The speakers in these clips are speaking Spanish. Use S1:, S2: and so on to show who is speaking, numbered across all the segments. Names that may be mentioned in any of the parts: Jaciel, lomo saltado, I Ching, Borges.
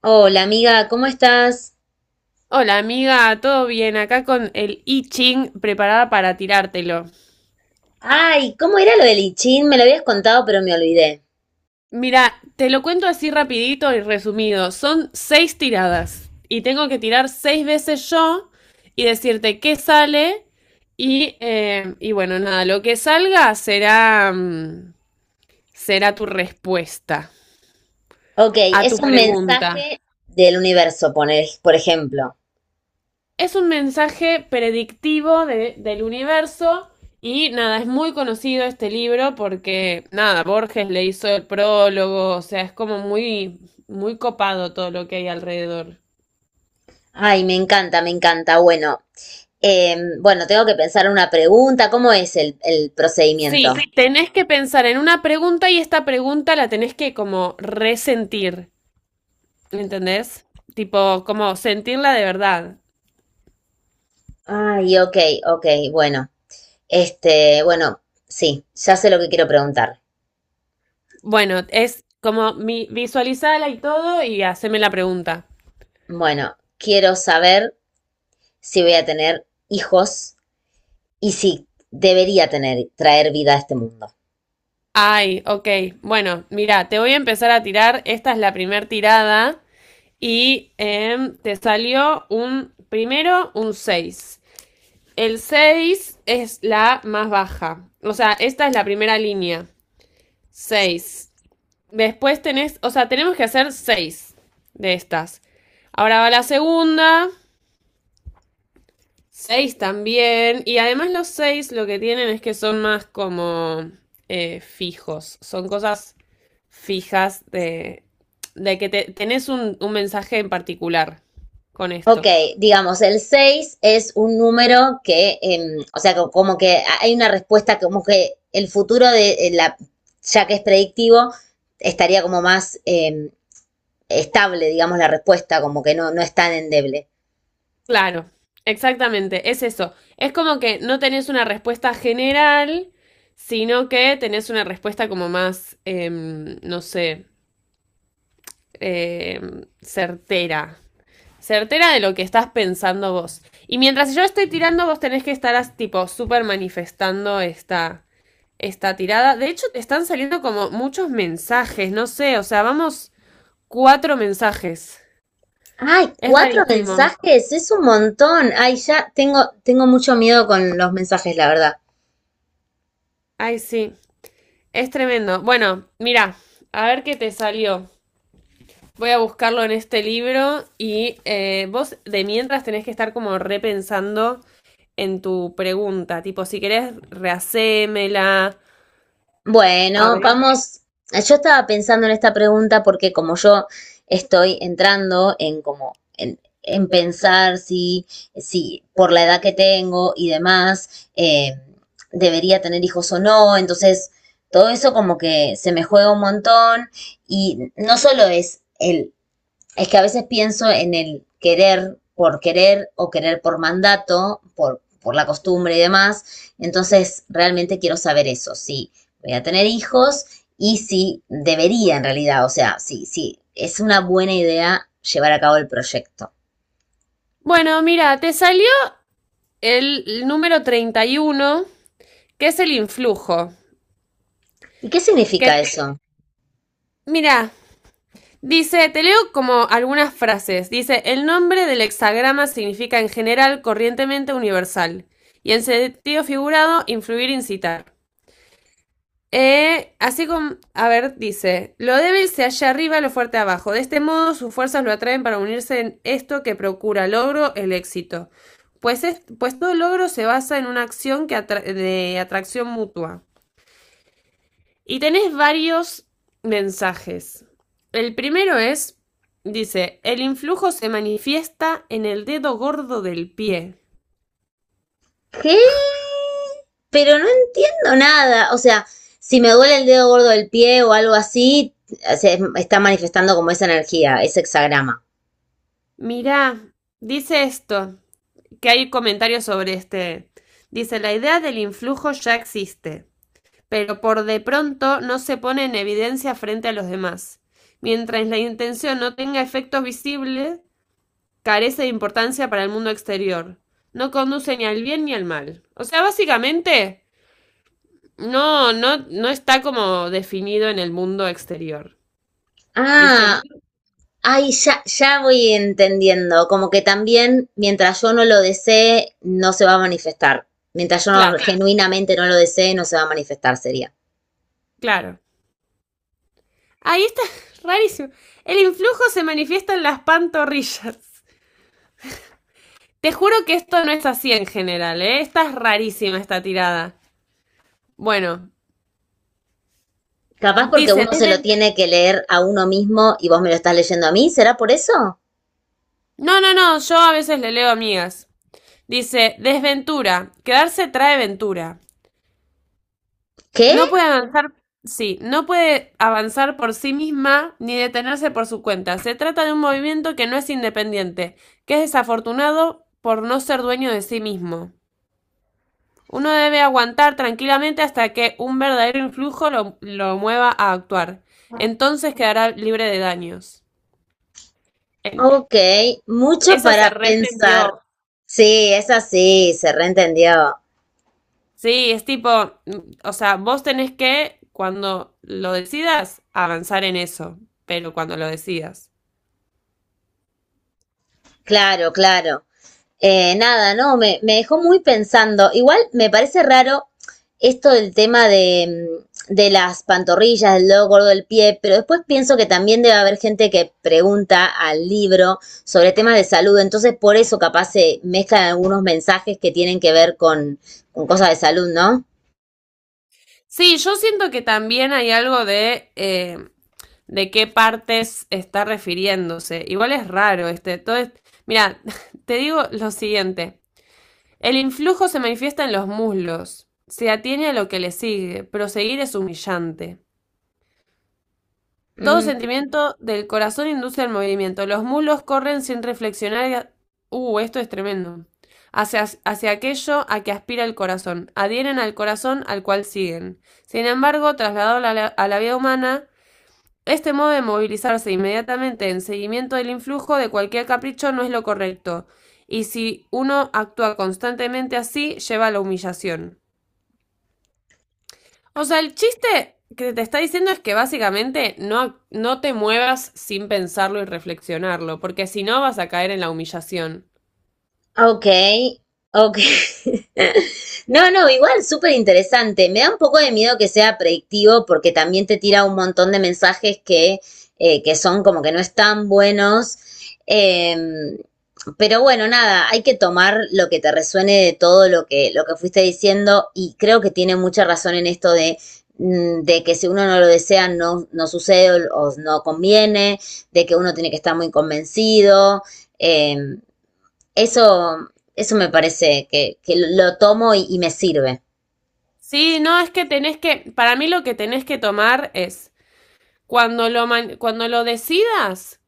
S1: Hola amiga, ¿cómo estás?
S2: Hola amiga, ¿todo bien? Acá con el I Ching preparada para tirártelo.
S1: Ay, ¿cómo era lo del I Ching? Me lo habías contado, pero me olvidé.
S2: Mira, te lo cuento así rapidito y resumido. Son seis tiradas y tengo que tirar seis veces yo y decirte qué sale y bueno, nada, lo que salga será tu respuesta
S1: Ok,
S2: a tu
S1: es un
S2: pregunta.
S1: mensaje del universo, por ejemplo.
S2: Es un mensaje predictivo del universo y nada, es muy conocido este libro porque nada, Borges le hizo el prólogo, o sea, es como muy, muy copado todo lo que hay alrededor.
S1: Ay, me encanta, me encanta. Bueno, bueno, tengo que pensar una pregunta. ¿Cómo es el procedimiento?
S2: Sí,
S1: Sí.
S2: tenés que pensar en una pregunta y esta pregunta la tenés que como resentir, ¿entendés? Tipo, como sentirla de verdad.
S1: Ay, ok, ok, bueno. Este, bueno, sí, ya sé lo que quiero preguntar.
S2: Bueno, es como visualizala y todo y haceme la pregunta.
S1: Bueno, quiero saber si voy a tener hijos y si debería tener, traer vida a este mundo.
S2: Ay, ok. Bueno, mira, te voy a empezar a tirar. Esta es la primer tirada y te salió primero un 6. El 6 es la más baja. O sea, esta es la primera línea. 6. Después tenés, o sea, tenemos que hacer 6 de estas. Ahora va la segunda. Seis también. Y además los seis lo que tienen es que son más como fijos. Son cosas fijas de que tenés un mensaje en particular con
S1: Ok,
S2: esto.
S1: digamos, el 6 es un número que, o sea, como que hay una respuesta como que el futuro de la, ya que es predictivo, estaría como más estable, digamos, la respuesta, como que no, no es tan endeble.
S2: Claro, exactamente. Es eso. Es como que no tenés una respuesta general, sino que tenés una respuesta como más, no sé, em, certera. certera de lo que estás pensando vos. Y mientras yo estoy tirando, vos tenés que estar tipo súper manifestando esta tirada. De hecho, te están saliendo como muchos mensajes, no sé, o sea, vamos cuatro mensajes.
S1: Ay,
S2: Es
S1: cuatro
S2: rarísimo.
S1: mensajes, es un montón. Ay, ya tengo, tengo mucho miedo con los mensajes, la verdad.
S2: Ay, sí, es tremendo. Bueno, mira, a ver qué te salió. Voy a buscarlo en este libro y vos de mientras tenés que estar como repensando en tu pregunta, tipo si querés rehacémela. A
S1: Bueno,
S2: ver.
S1: vamos. Yo estaba pensando en esta pregunta porque como yo estoy entrando en como en pensar si, si por la edad que tengo y demás, debería tener hijos o no. Entonces, todo eso como que se me juega un montón. Y no solo es el es que a veces pienso en el querer por querer o querer por mandato, por la costumbre y demás. Entonces, realmente quiero saber eso, si voy a tener hijos y si debería en realidad, o sea, si, si es una buena idea llevar a cabo el proyecto.
S2: Bueno, mira, te salió el número 31, que es el influjo.
S1: ¿Y qué
S2: Que
S1: significa eso?
S2: mira, dice, te leo como algunas frases. Dice, el nombre del hexagrama significa en general, corrientemente universal. Y en sentido figurado, influir, incitar. Así como, a ver, dice, lo débil se halla arriba, lo fuerte abajo. De este modo sus fuerzas lo atraen para unirse en esto que procura logro, el éxito. Pues, es- pues todo logro se basa en una acción que de atracción mutua. Y tenés varios mensajes. El primero es, dice, el influjo se manifiesta en el dedo gordo del pie.
S1: ¿Qué? Pero no entiendo nada. O sea, si me duele el dedo gordo del pie o algo así, se está manifestando como esa energía, ese hexagrama.
S2: Mirá, dice esto, que hay comentarios sobre este. Dice, la idea del influjo ya existe, pero por de pronto no se pone en evidencia frente a los demás. Mientras la intención no tenga efectos visibles, carece de importancia para el mundo exterior. No conduce ni al bien ni al mal. O sea, básicamente, no está como definido en el mundo exterior.
S1: Ah,
S2: ¿Viste?
S1: ay, ya, ya voy entendiendo, como que también mientras yo no lo desee, no se va a manifestar. Mientras yo no-
S2: Claro,
S1: Genuinamente no lo desee, no se va a manifestar, sería.
S2: claro. Ahí está, rarísimo. El influjo se manifiesta en las pantorrillas. Te juro que esto no es así en general, ¿eh? Esta es rarísima esta tirada. Bueno,
S1: Capaz porque
S2: dice,
S1: uno se lo
S2: desven-
S1: tiene que leer a uno mismo y vos me lo estás leyendo a mí, ¿será por eso?
S2: no, no, no, yo a veces le leo amigas. Dice, desventura, quedarse trae ventura.
S1: ¿Qué?
S2: No puede avanzar, sí, no puede avanzar por sí misma ni detenerse por su cuenta. Se trata de un movimiento que no es independiente, que es desafortunado por no ser dueño de sí mismo. Uno debe aguantar tranquilamente hasta que un verdadero influjo lo mueva a actuar. Entonces quedará libre de daños. En-
S1: Ok, mucho
S2: Esa
S1: para
S2: se
S1: pensar.
S2: reentendió.
S1: Sí, es así, se reentendió.
S2: Sí, es tipo, o sea, vos tenés que, cuando lo decidas, avanzar en eso, pero cuando lo decidas.
S1: Claro, claro. Nada, no, me dejó muy pensando. Igual me parece raro esto del tema de, de las pantorrillas, del dedo gordo del pie, pero después pienso que también debe haber gente que pregunta al libro sobre temas de salud, entonces por eso capaz se mezclan algunos mensajes que tienen que ver con cosas de salud, ¿no?
S2: Sí, yo siento que también hay algo de qué partes está refiriéndose. Igual es raro este, todo es- Mira, te digo lo siguiente. El influjo se manifiesta en los muslos. Se atiene a lo que le sigue. Proseguir es humillante. Todo
S1: Mm.
S2: sentimiento del corazón induce al movimiento. Los muslos corren sin reflexionar. Esto es tremendo. Hacia aquello a que aspira el corazón. Adhieren al corazón al cual siguen. Sin embargo, trasladado a a la vida humana, este modo de movilizarse inmediatamente en seguimiento del influjo de cualquier capricho no es lo correcto. Y si uno actúa constantemente así, lleva a la humillación. O sea, el chiste que te está diciendo es que básicamente no, no te muevas sin pensarlo y reflexionarlo, porque si no vas a caer en la humillación.
S1: Ok, ok. No, no, igual súper interesante. Me da un poco de miedo que sea predictivo porque también te tira un montón de mensajes que son como que no están buenos. Em, pero bueno, nada, hay que tomar lo que te resuene de todo lo que fuiste diciendo y creo que tiene mucha razón en esto de, de que si uno no lo desea no, no sucede o no conviene, de que uno tiene que estar muy convencido. Em, Eso, eso me parece que lo tomo y me sirve.
S2: Sí, no, es que tenés que, para mí lo que tenés que tomar es, cuando lo, cuando lo decidas,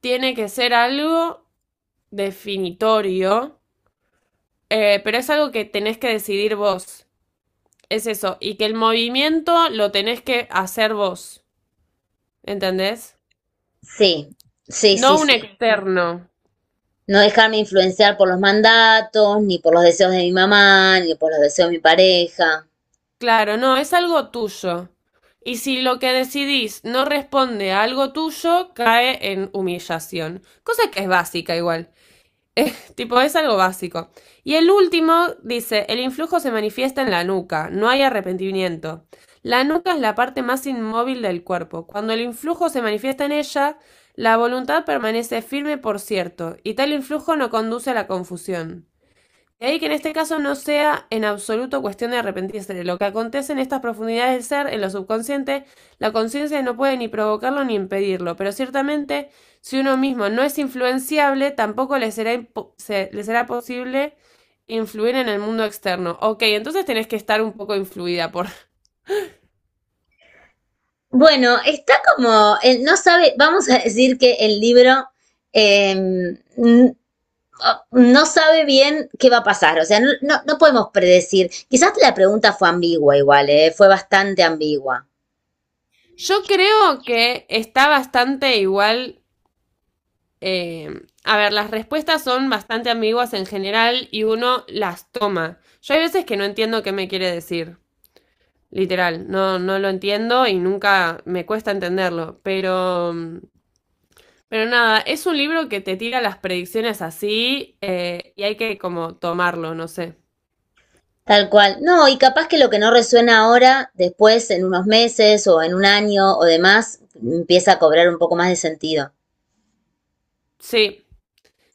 S2: tiene que ser algo definitorio, pero es algo que tenés que decidir vos. Es eso, y que el movimiento lo tenés que hacer vos, ¿entendés?
S1: Sí, sí,
S2: No
S1: sí,
S2: un
S1: sí.
S2: externo.
S1: No dejarme influenciar por los mandatos, ni por los deseos de mi mamá, ni por los deseos de mi pareja.
S2: Claro, no, es algo tuyo. Y si lo que decidís no responde a algo tuyo, cae en humillación. Cosa que es básica igual. Tipo, es algo básico. Y el último dice, el influjo se manifiesta en la nuca, no hay arrepentimiento. La nuca es la parte más inmóvil del cuerpo. Cuando el influjo se manifiesta en ella, la voluntad permanece firme por cierto, y tal influjo no conduce a la confusión. De ahí que en este caso no sea en absoluto cuestión de arrepentirse. De lo que acontece en estas profundidades del ser, en lo subconsciente, la conciencia no puede ni provocarlo ni impedirlo, pero ciertamente si uno mismo no es influenciable, tampoco le será, le será posible influir en el mundo externo. Ok, entonces tenés que estar un poco influida por...
S1: Bueno, está como, no sabe, vamos a decir que el libro eh, n- no sabe bien qué va a pasar, o sea, no, no, no podemos predecir. Quizás la pregunta fue ambigua igual, fue bastante ambigua.
S2: Yo creo que está bastante igual... eh, a ver, las respuestas son bastante ambiguas en general y uno las toma. Yo hay veces que no entiendo qué me quiere decir. Literal, no, no lo entiendo y nunca me cuesta entenderlo, pero nada, es un libro que te tira las predicciones así y hay que como tomarlo, no sé.
S1: Tal cual. No, y capaz que lo que no resuena ahora, después, en unos meses o en un año o demás, empieza a cobrar un poco más de sentido.
S2: Sí,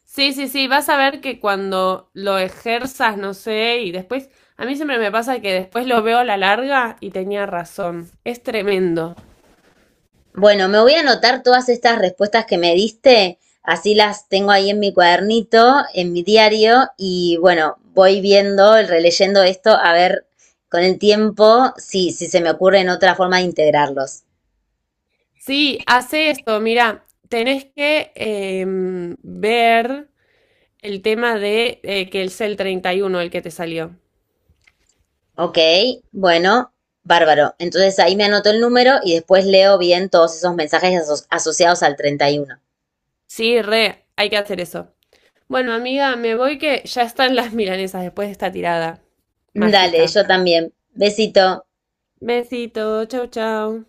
S2: sí, sí, sí, vas a ver que cuando lo ejerzas, no sé, y después, a mí siempre me pasa que después lo veo a la larga y tenía razón, es tremendo.
S1: Bueno, me voy a anotar todas estas respuestas que me diste, así las tengo ahí en mi cuadernito, en mi diario, y bueno, voy viendo, releyendo esto, a ver con el tiempo si, si se me ocurre en otra forma de integrarlos.
S2: Sí, hace esto, mira, tenés que ver el tema de que es el 31 el que te salió.
S1: Ok, bueno, bárbaro. Entonces ahí me anoto el número y después leo bien todos esos mensajes asociados al 31.
S2: Sí, re, hay que hacer eso. Bueno, amiga, me voy que ya están las milanesas después de esta tirada
S1: Dale,
S2: mágica.
S1: yo también. Besito.
S2: Besito, chau, chau.